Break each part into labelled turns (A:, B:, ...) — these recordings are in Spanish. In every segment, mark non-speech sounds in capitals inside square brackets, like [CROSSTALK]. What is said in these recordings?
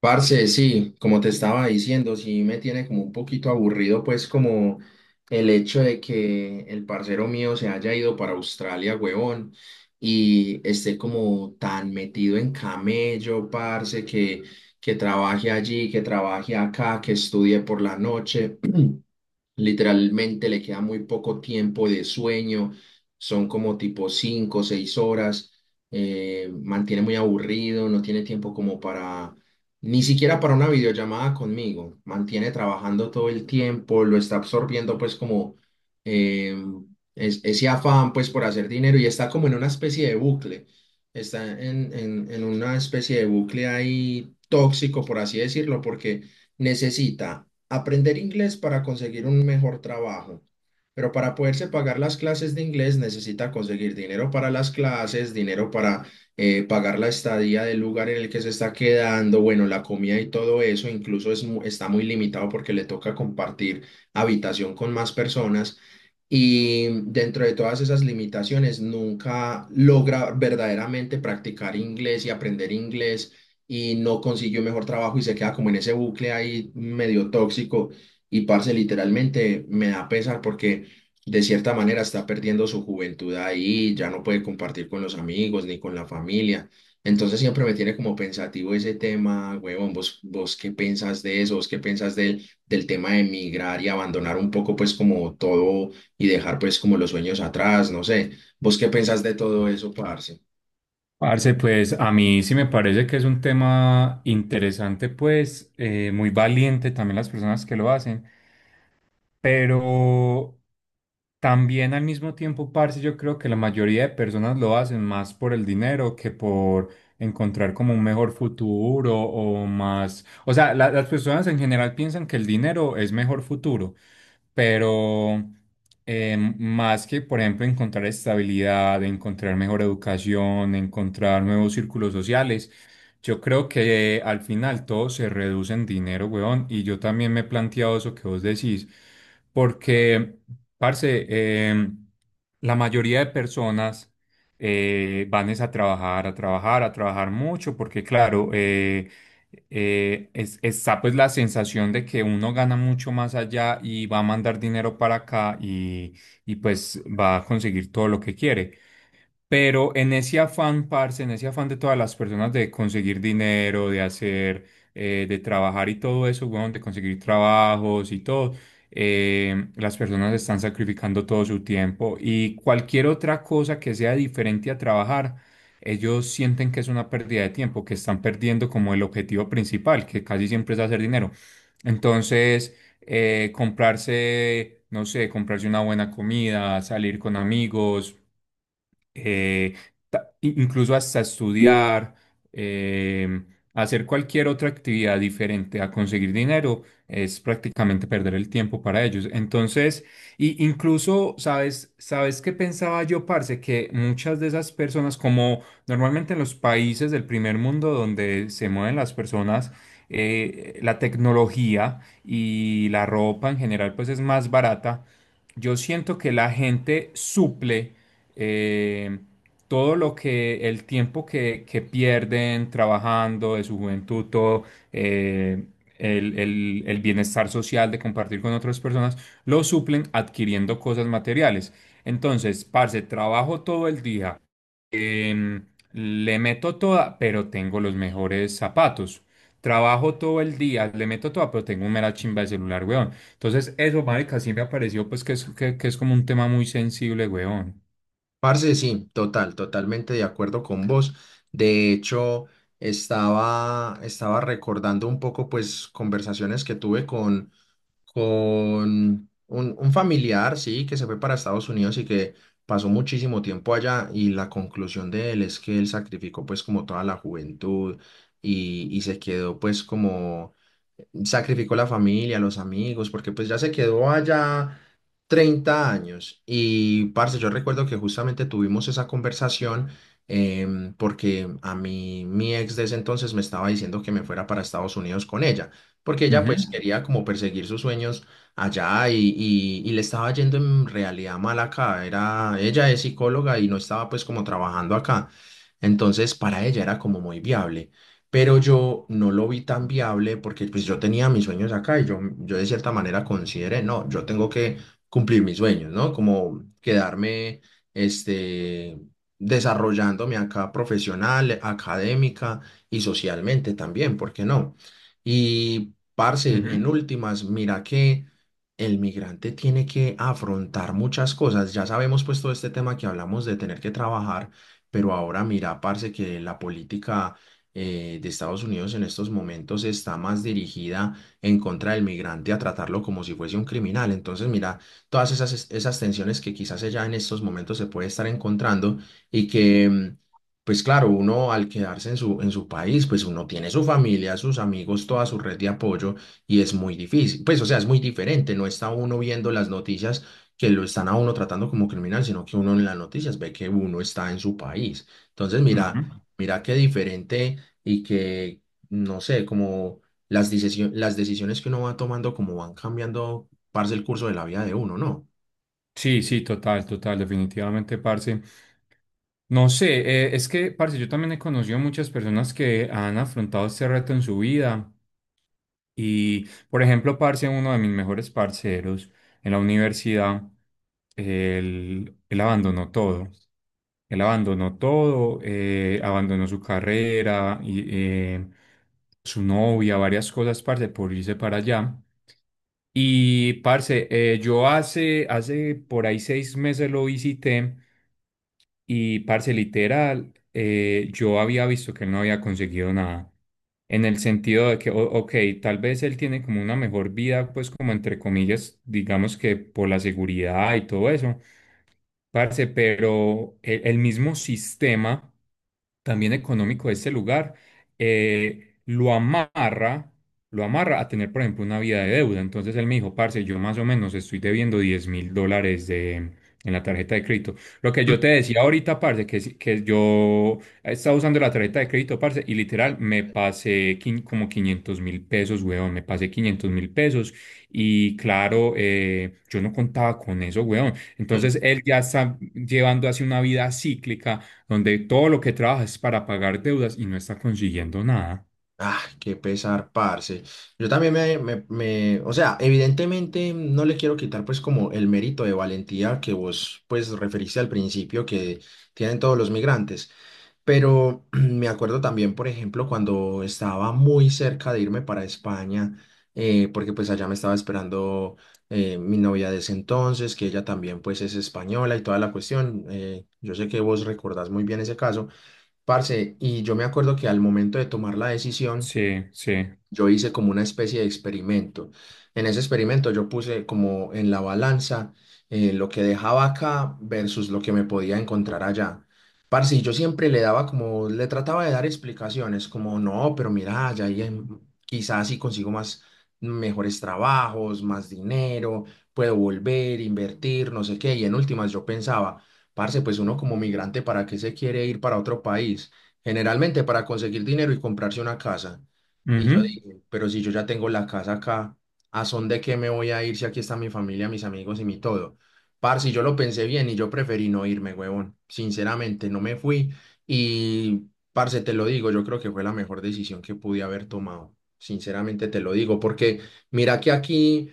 A: Parce, sí, como te estaba diciendo, sí me tiene como un poquito aburrido, pues como el hecho de que el parcero mío se haya ido para Australia, huevón, y esté como tan metido en camello, parce, que trabaje allí, que trabaje acá, que estudie por la noche. Literalmente le queda muy poco tiempo de sueño, son como tipo 5 o 6 horas, mantiene muy aburrido, no tiene tiempo como ni siquiera para una videollamada conmigo, mantiene trabajando todo el tiempo, lo está absorbiendo pues como eh, ese afán pues por hacer dinero y está como en una especie de bucle, está en una especie de bucle ahí tóxico por así decirlo, porque necesita aprender inglés para conseguir un mejor trabajo. Pero para poderse pagar las clases de inglés necesita conseguir dinero para las clases, dinero para pagar la estadía del lugar en el que se está quedando, bueno, la comida y todo eso. Incluso está muy limitado porque le toca compartir habitación con más personas. Y dentro de todas esas limitaciones, nunca logra verdaderamente practicar inglés y aprender inglés y no consiguió mejor trabajo y se queda como en ese bucle ahí medio tóxico. Y parce, literalmente me da pesar porque de cierta manera está perdiendo su juventud ahí, ya no puede compartir con los amigos ni con la familia. Entonces siempre me tiene como pensativo ese tema, huevón, vos qué pensás de eso, vos qué pensás del tema de emigrar y abandonar un poco pues como todo y dejar pues como los sueños atrás, no sé. ¿Vos qué pensás de todo eso, parce?
B: Parce, pues a mí sí me parece que es un tema interesante, pues muy valiente también las personas que lo hacen, pero también al mismo tiempo, parce, yo creo que la mayoría de personas lo hacen más por el dinero que por encontrar como un mejor futuro o más, o sea, las personas en general piensan que el dinero es mejor futuro, pero más que, por ejemplo, encontrar estabilidad, encontrar mejor educación, encontrar nuevos círculos sociales, yo creo que al final todo se reduce en dinero, weón, y yo también me he planteado eso que vos decís, porque, parce, la mayoría de personas van es a trabajar, a trabajar, a trabajar mucho, porque claro, está pues la sensación de que uno gana mucho más allá y va a mandar dinero para acá y pues va a conseguir todo lo que quiere. Pero en ese afán, parce, en ese afán de todas las personas de conseguir dinero, de hacer, de trabajar y todo eso, weón, de conseguir trabajos y todo, las personas están sacrificando todo su tiempo y cualquier otra cosa que sea diferente a trabajar. Ellos sienten que es una pérdida de tiempo, que están perdiendo como el objetivo principal, que casi siempre es hacer dinero. Entonces, comprarse, no sé, comprarse una buena comida, salir con amigos, eh, incluso hasta estudiar, eh, hacer cualquier otra actividad diferente a conseguir dinero, es prácticamente perder el tiempo para ellos. Entonces, y incluso, ¿sabes qué pensaba yo, parce? Que muchas de esas personas, como normalmente en los países del primer mundo donde se mueven las personas, la tecnología y la ropa en general, pues es más barata. Yo siento que la gente suple eh, todo lo que el tiempo que pierden trabajando de su juventud, todo eh, el bienestar social de compartir con otras personas, lo suplen adquiriendo cosas materiales. Entonces, parce, trabajo todo el día, em, le meto toda, pero tengo los mejores zapatos. Trabajo todo el día, le meto toda, pero tengo un mera chimba de celular, weón. Entonces, eso, marica, sí me pareció pues que es como un tema muy sensible, weón.
A: Parce, sí, totalmente de acuerdo con vos. De hecho, estaba recordando un poco pues conversaciones que tuve con un familiar, sí, que se fue para Estados Unidos y que pasó muchísimo tiempo allá, y la conclusión de él es que él sacrificó pues como toda la juventud y se quedó pues como sacrificó la familia, los amigos, porque pues ya se quedó allá 30 años. Y, parce, yo recuerdo que justamente tuvimos esa conversación, porque a mí, mi ex de ese entonces me estaba diciendo que me fuera para Estados Unidos con ella, porque ella
B: Ujú,
A: pues quería como perseguir sus sueños allá y le estaba yendo en realidad mal acá. Era, ella es psicóloga y no estaba pues como trabajando acá. Entonces, para ella era como muy viable, pero yo no lo vi tan viable porque pues yo tenía mis sueños acá y yo de cierta manera consideré, no, yo tengo que cumplir mis sueños, ¿no? Como quedarme, este, desarrollándome acá profesional, académica y socialmente también, ¿por qué no? Y, parce, en
B: ujú,
A: últimas, mira que... El migrante tiene que afrontar muchas cosas. Ya sabemos pues todo este tema que hablamos de tener que trabajar, pero ahora mira, parce, que la política de Estados Unidos en estos momentos está más dirigida en contra del migrante, a tratarlo como si fuese un criminal. Entonces, mira, todas esas tensiones que quizás ella en estos momentos se puede estar encontrando y que, pues claro, uno al quedarse en en su país, pues uno tiene su familia, sus amigos, toda su red de apoyo, y es muy difícil. Pues, o sea, es muy diferente, no está uno viendo las noticias que lo están a uno tratando como criminal, sino que uno en las noticias ve que uno está en su país. Entonces, mira,
B: ujú.
A: mira qué diferente y que, no sé, como las las decisiones que uno va tomando, como van cambiando, parce, el curso de la vida de uno, ¿no?
B: Sí, sí, total, total, definitivamente, parce. No sé, es que, parce, yo también he conocido muchas personas que han afrontado este reto en su vida. Y, por ejemplo, parce, uno de mis mejores parceros en la universidad, él abandonó todo. Él abandonó todo, abandonó su carrera, y, eh, su novia, varias cosas, parce, por irse para allá. Y parce, yo hace por ahí 6 meses lo visité y parce, literal, yo había visto que él no había conseguido nada. En el sentido de que, ok, tal vez él tiene como una mejor vida, pues como entre comillas, digamos que por la seguridad y todo eso, parce, pero el mismo sistema también económico de este lugar, eh, lo amarra, lo amarra a tener, por ejemplo, una vida de deuda. Entonces él me dijo, parce, yo más o menos estoy debiendo 10.000 dólares en la tarjeta de crédito. Lo que yo te decía ahorita, parce, que, que yo estaba usando la tarjeta de crédito, parce, y literal me pasé como 500.000 pesos, weón, me pasé 500.000 pesos. Y claro, yo no contaba con eso, weón. Entonces él ya está llevando así una vida cíclica donde todo lo que trabaja es para pagar deudas y no está consiguiendo nada.
A: Ah, qué pesar, parce. Yo también o sea, evidentemente no le quiero quitar pues como el mérito de valentía que vos pues referiste al principio que tienen todos los migrantes, pero [CLEARS THROAT] me acuerdo también, por ejemplo, cuando estaba muy cerca de irme para España, porque pues allá me estaba esperando mi novia de ese entonces, que ella también pues es española y toda la cuestión. Eh, yo sé que vos recordás muy bien ese caso. Parce, y yo me acuerdo que al momento de tomar la decisión,
B: Sí, sí.
A: yo hice como una especie de experimento. En ese experimento yo puse como en la balanza lo que dejaba acá versus lo que me podía encontrar allá. Parce, y yo siempre le daba como, le trataba de dar explicaciones, como no, pero mira, quizás si consigo más, mejores trabajos, más dinero, puedo volver, invertir, no sé qué. Y en últimas yo pensaba, parce, pues uno como migrante, ¿para qué se quiere ir para otro país? Generalmente para conseguir dinero y comprarse una casa. Y yo
B: Ujú.
A: digo, pero si yo ya tengo la casa acá, ¿a son de qué me voy a ir si aquí está mi familia, mis amigos y mi todo? Parce, yo lo pensé bien y yo preferí no irme, huevón. Sinceramente, no me fui y, parce, te lo digo, yo creo que fue la mejor decisión que pude haber tomado. Sinceramente te lo digo, porque mira que aquí,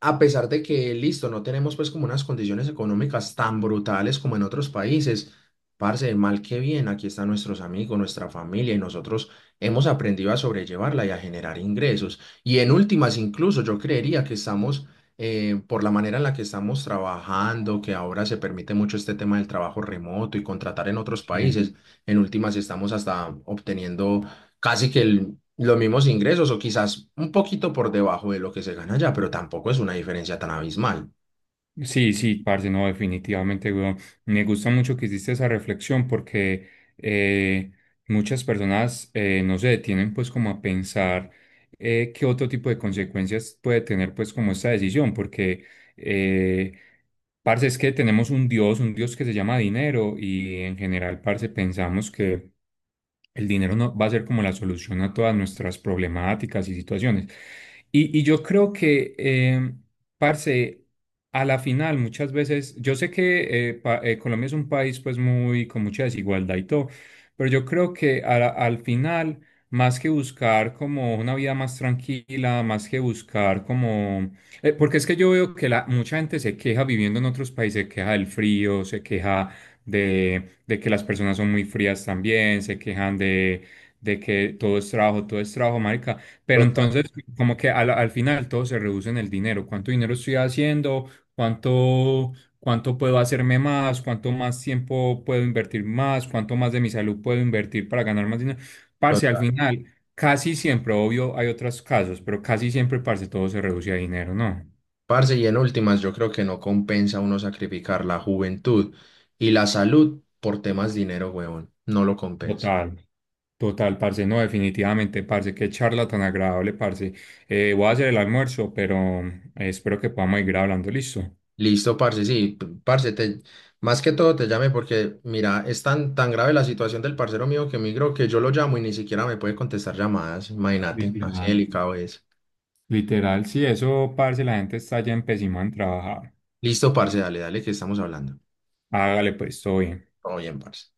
A: a pesar de que, listo, no tenemos pues como unas condiciones económicas tan brutales como en otros países, parce, mal que bien, aquí están nuestros amigos, nuestra familia, y nosotros hemos aprendido a sobrellevarla y a generar ingresos. Y en últimas, incluso yo creería que estamos, por la manera en la que estamos trabajando, que ahora se permite mucho este tema del trabajo remoto y contratar en otros
B: Sí.
A: países, en últimas estamos hasta obteniendo casi que los mismos ingresos o quizás un poquito por debajo de lo que se gana allá, pero tampoco es una diferencia tan abismal.
B: Sí, sí, parce, no, definitivamente, weón. Me gusta mucho que hiciste esa reflexión porque eh, muchas personas no se detienen pues como a pensar qué otro tipo de consecuencias puede tener pues como esta decisión, porque eh, parce es que tenemos un Dios que se llama dinero y en general, parce, pensamos que el dinero no va a ser como la solución a todas nuestras problemáticas y situaciones. Y yo creo que, parce, a la final muchas veces, yo sé que Colombia es un país pues muy con mucha desigualdad y todo, pero yo creo que al final, más que buscar como una vida más tranquila, más que buscar como... porque es que yo veo que mucha gente se queja viviendo en otros países, se queja del frío, se queja de que las personas son muy frías también, se quejan de que todo es trabajo, marica. Pero entonces, como que al final todo se reduce en el dinero. ¿Cuánto dinero estoy haciendo? ¿Cuánto, cuánto puedo hacerme más? ¿Cuánto más tiempo puedo invertir más? ¿Cuánto más de mi salud puedo invertir para ganar más dinero? Parce, al
A: Total.
B: final, casi siempre, obvio, hay otros casos, pero casi siempre, parce, todo se reduce a dinero, ¿no?
A: Parce, y en últimas, yo creo que no compensa uno sacrificar la juventud y la salud por temas de dinero, huevón. No lo compensa.
B: Total. Total, parce, no, definitivamente, parce, qué charla tan agradable, parce. Voy a hacer el almuerzo, pero espero que podamos ir hablando, listo.
A: Listo, parce, sí, parce, más que todo te llame porque, mira, es tan grave la situación del parcero mío que migró, que yo lo llamo y ni siquiera me puede contestar llamadas. Imagínate, así
B: Literal.
A: delicado es.
B: Literal, sí, eso, parce, la gente está ya empezando en trabajar.
A: Listo, parce, dale, dale, que estamos hablando.
B: Hágale, pues, todo bien.
A: Todo bien, parce.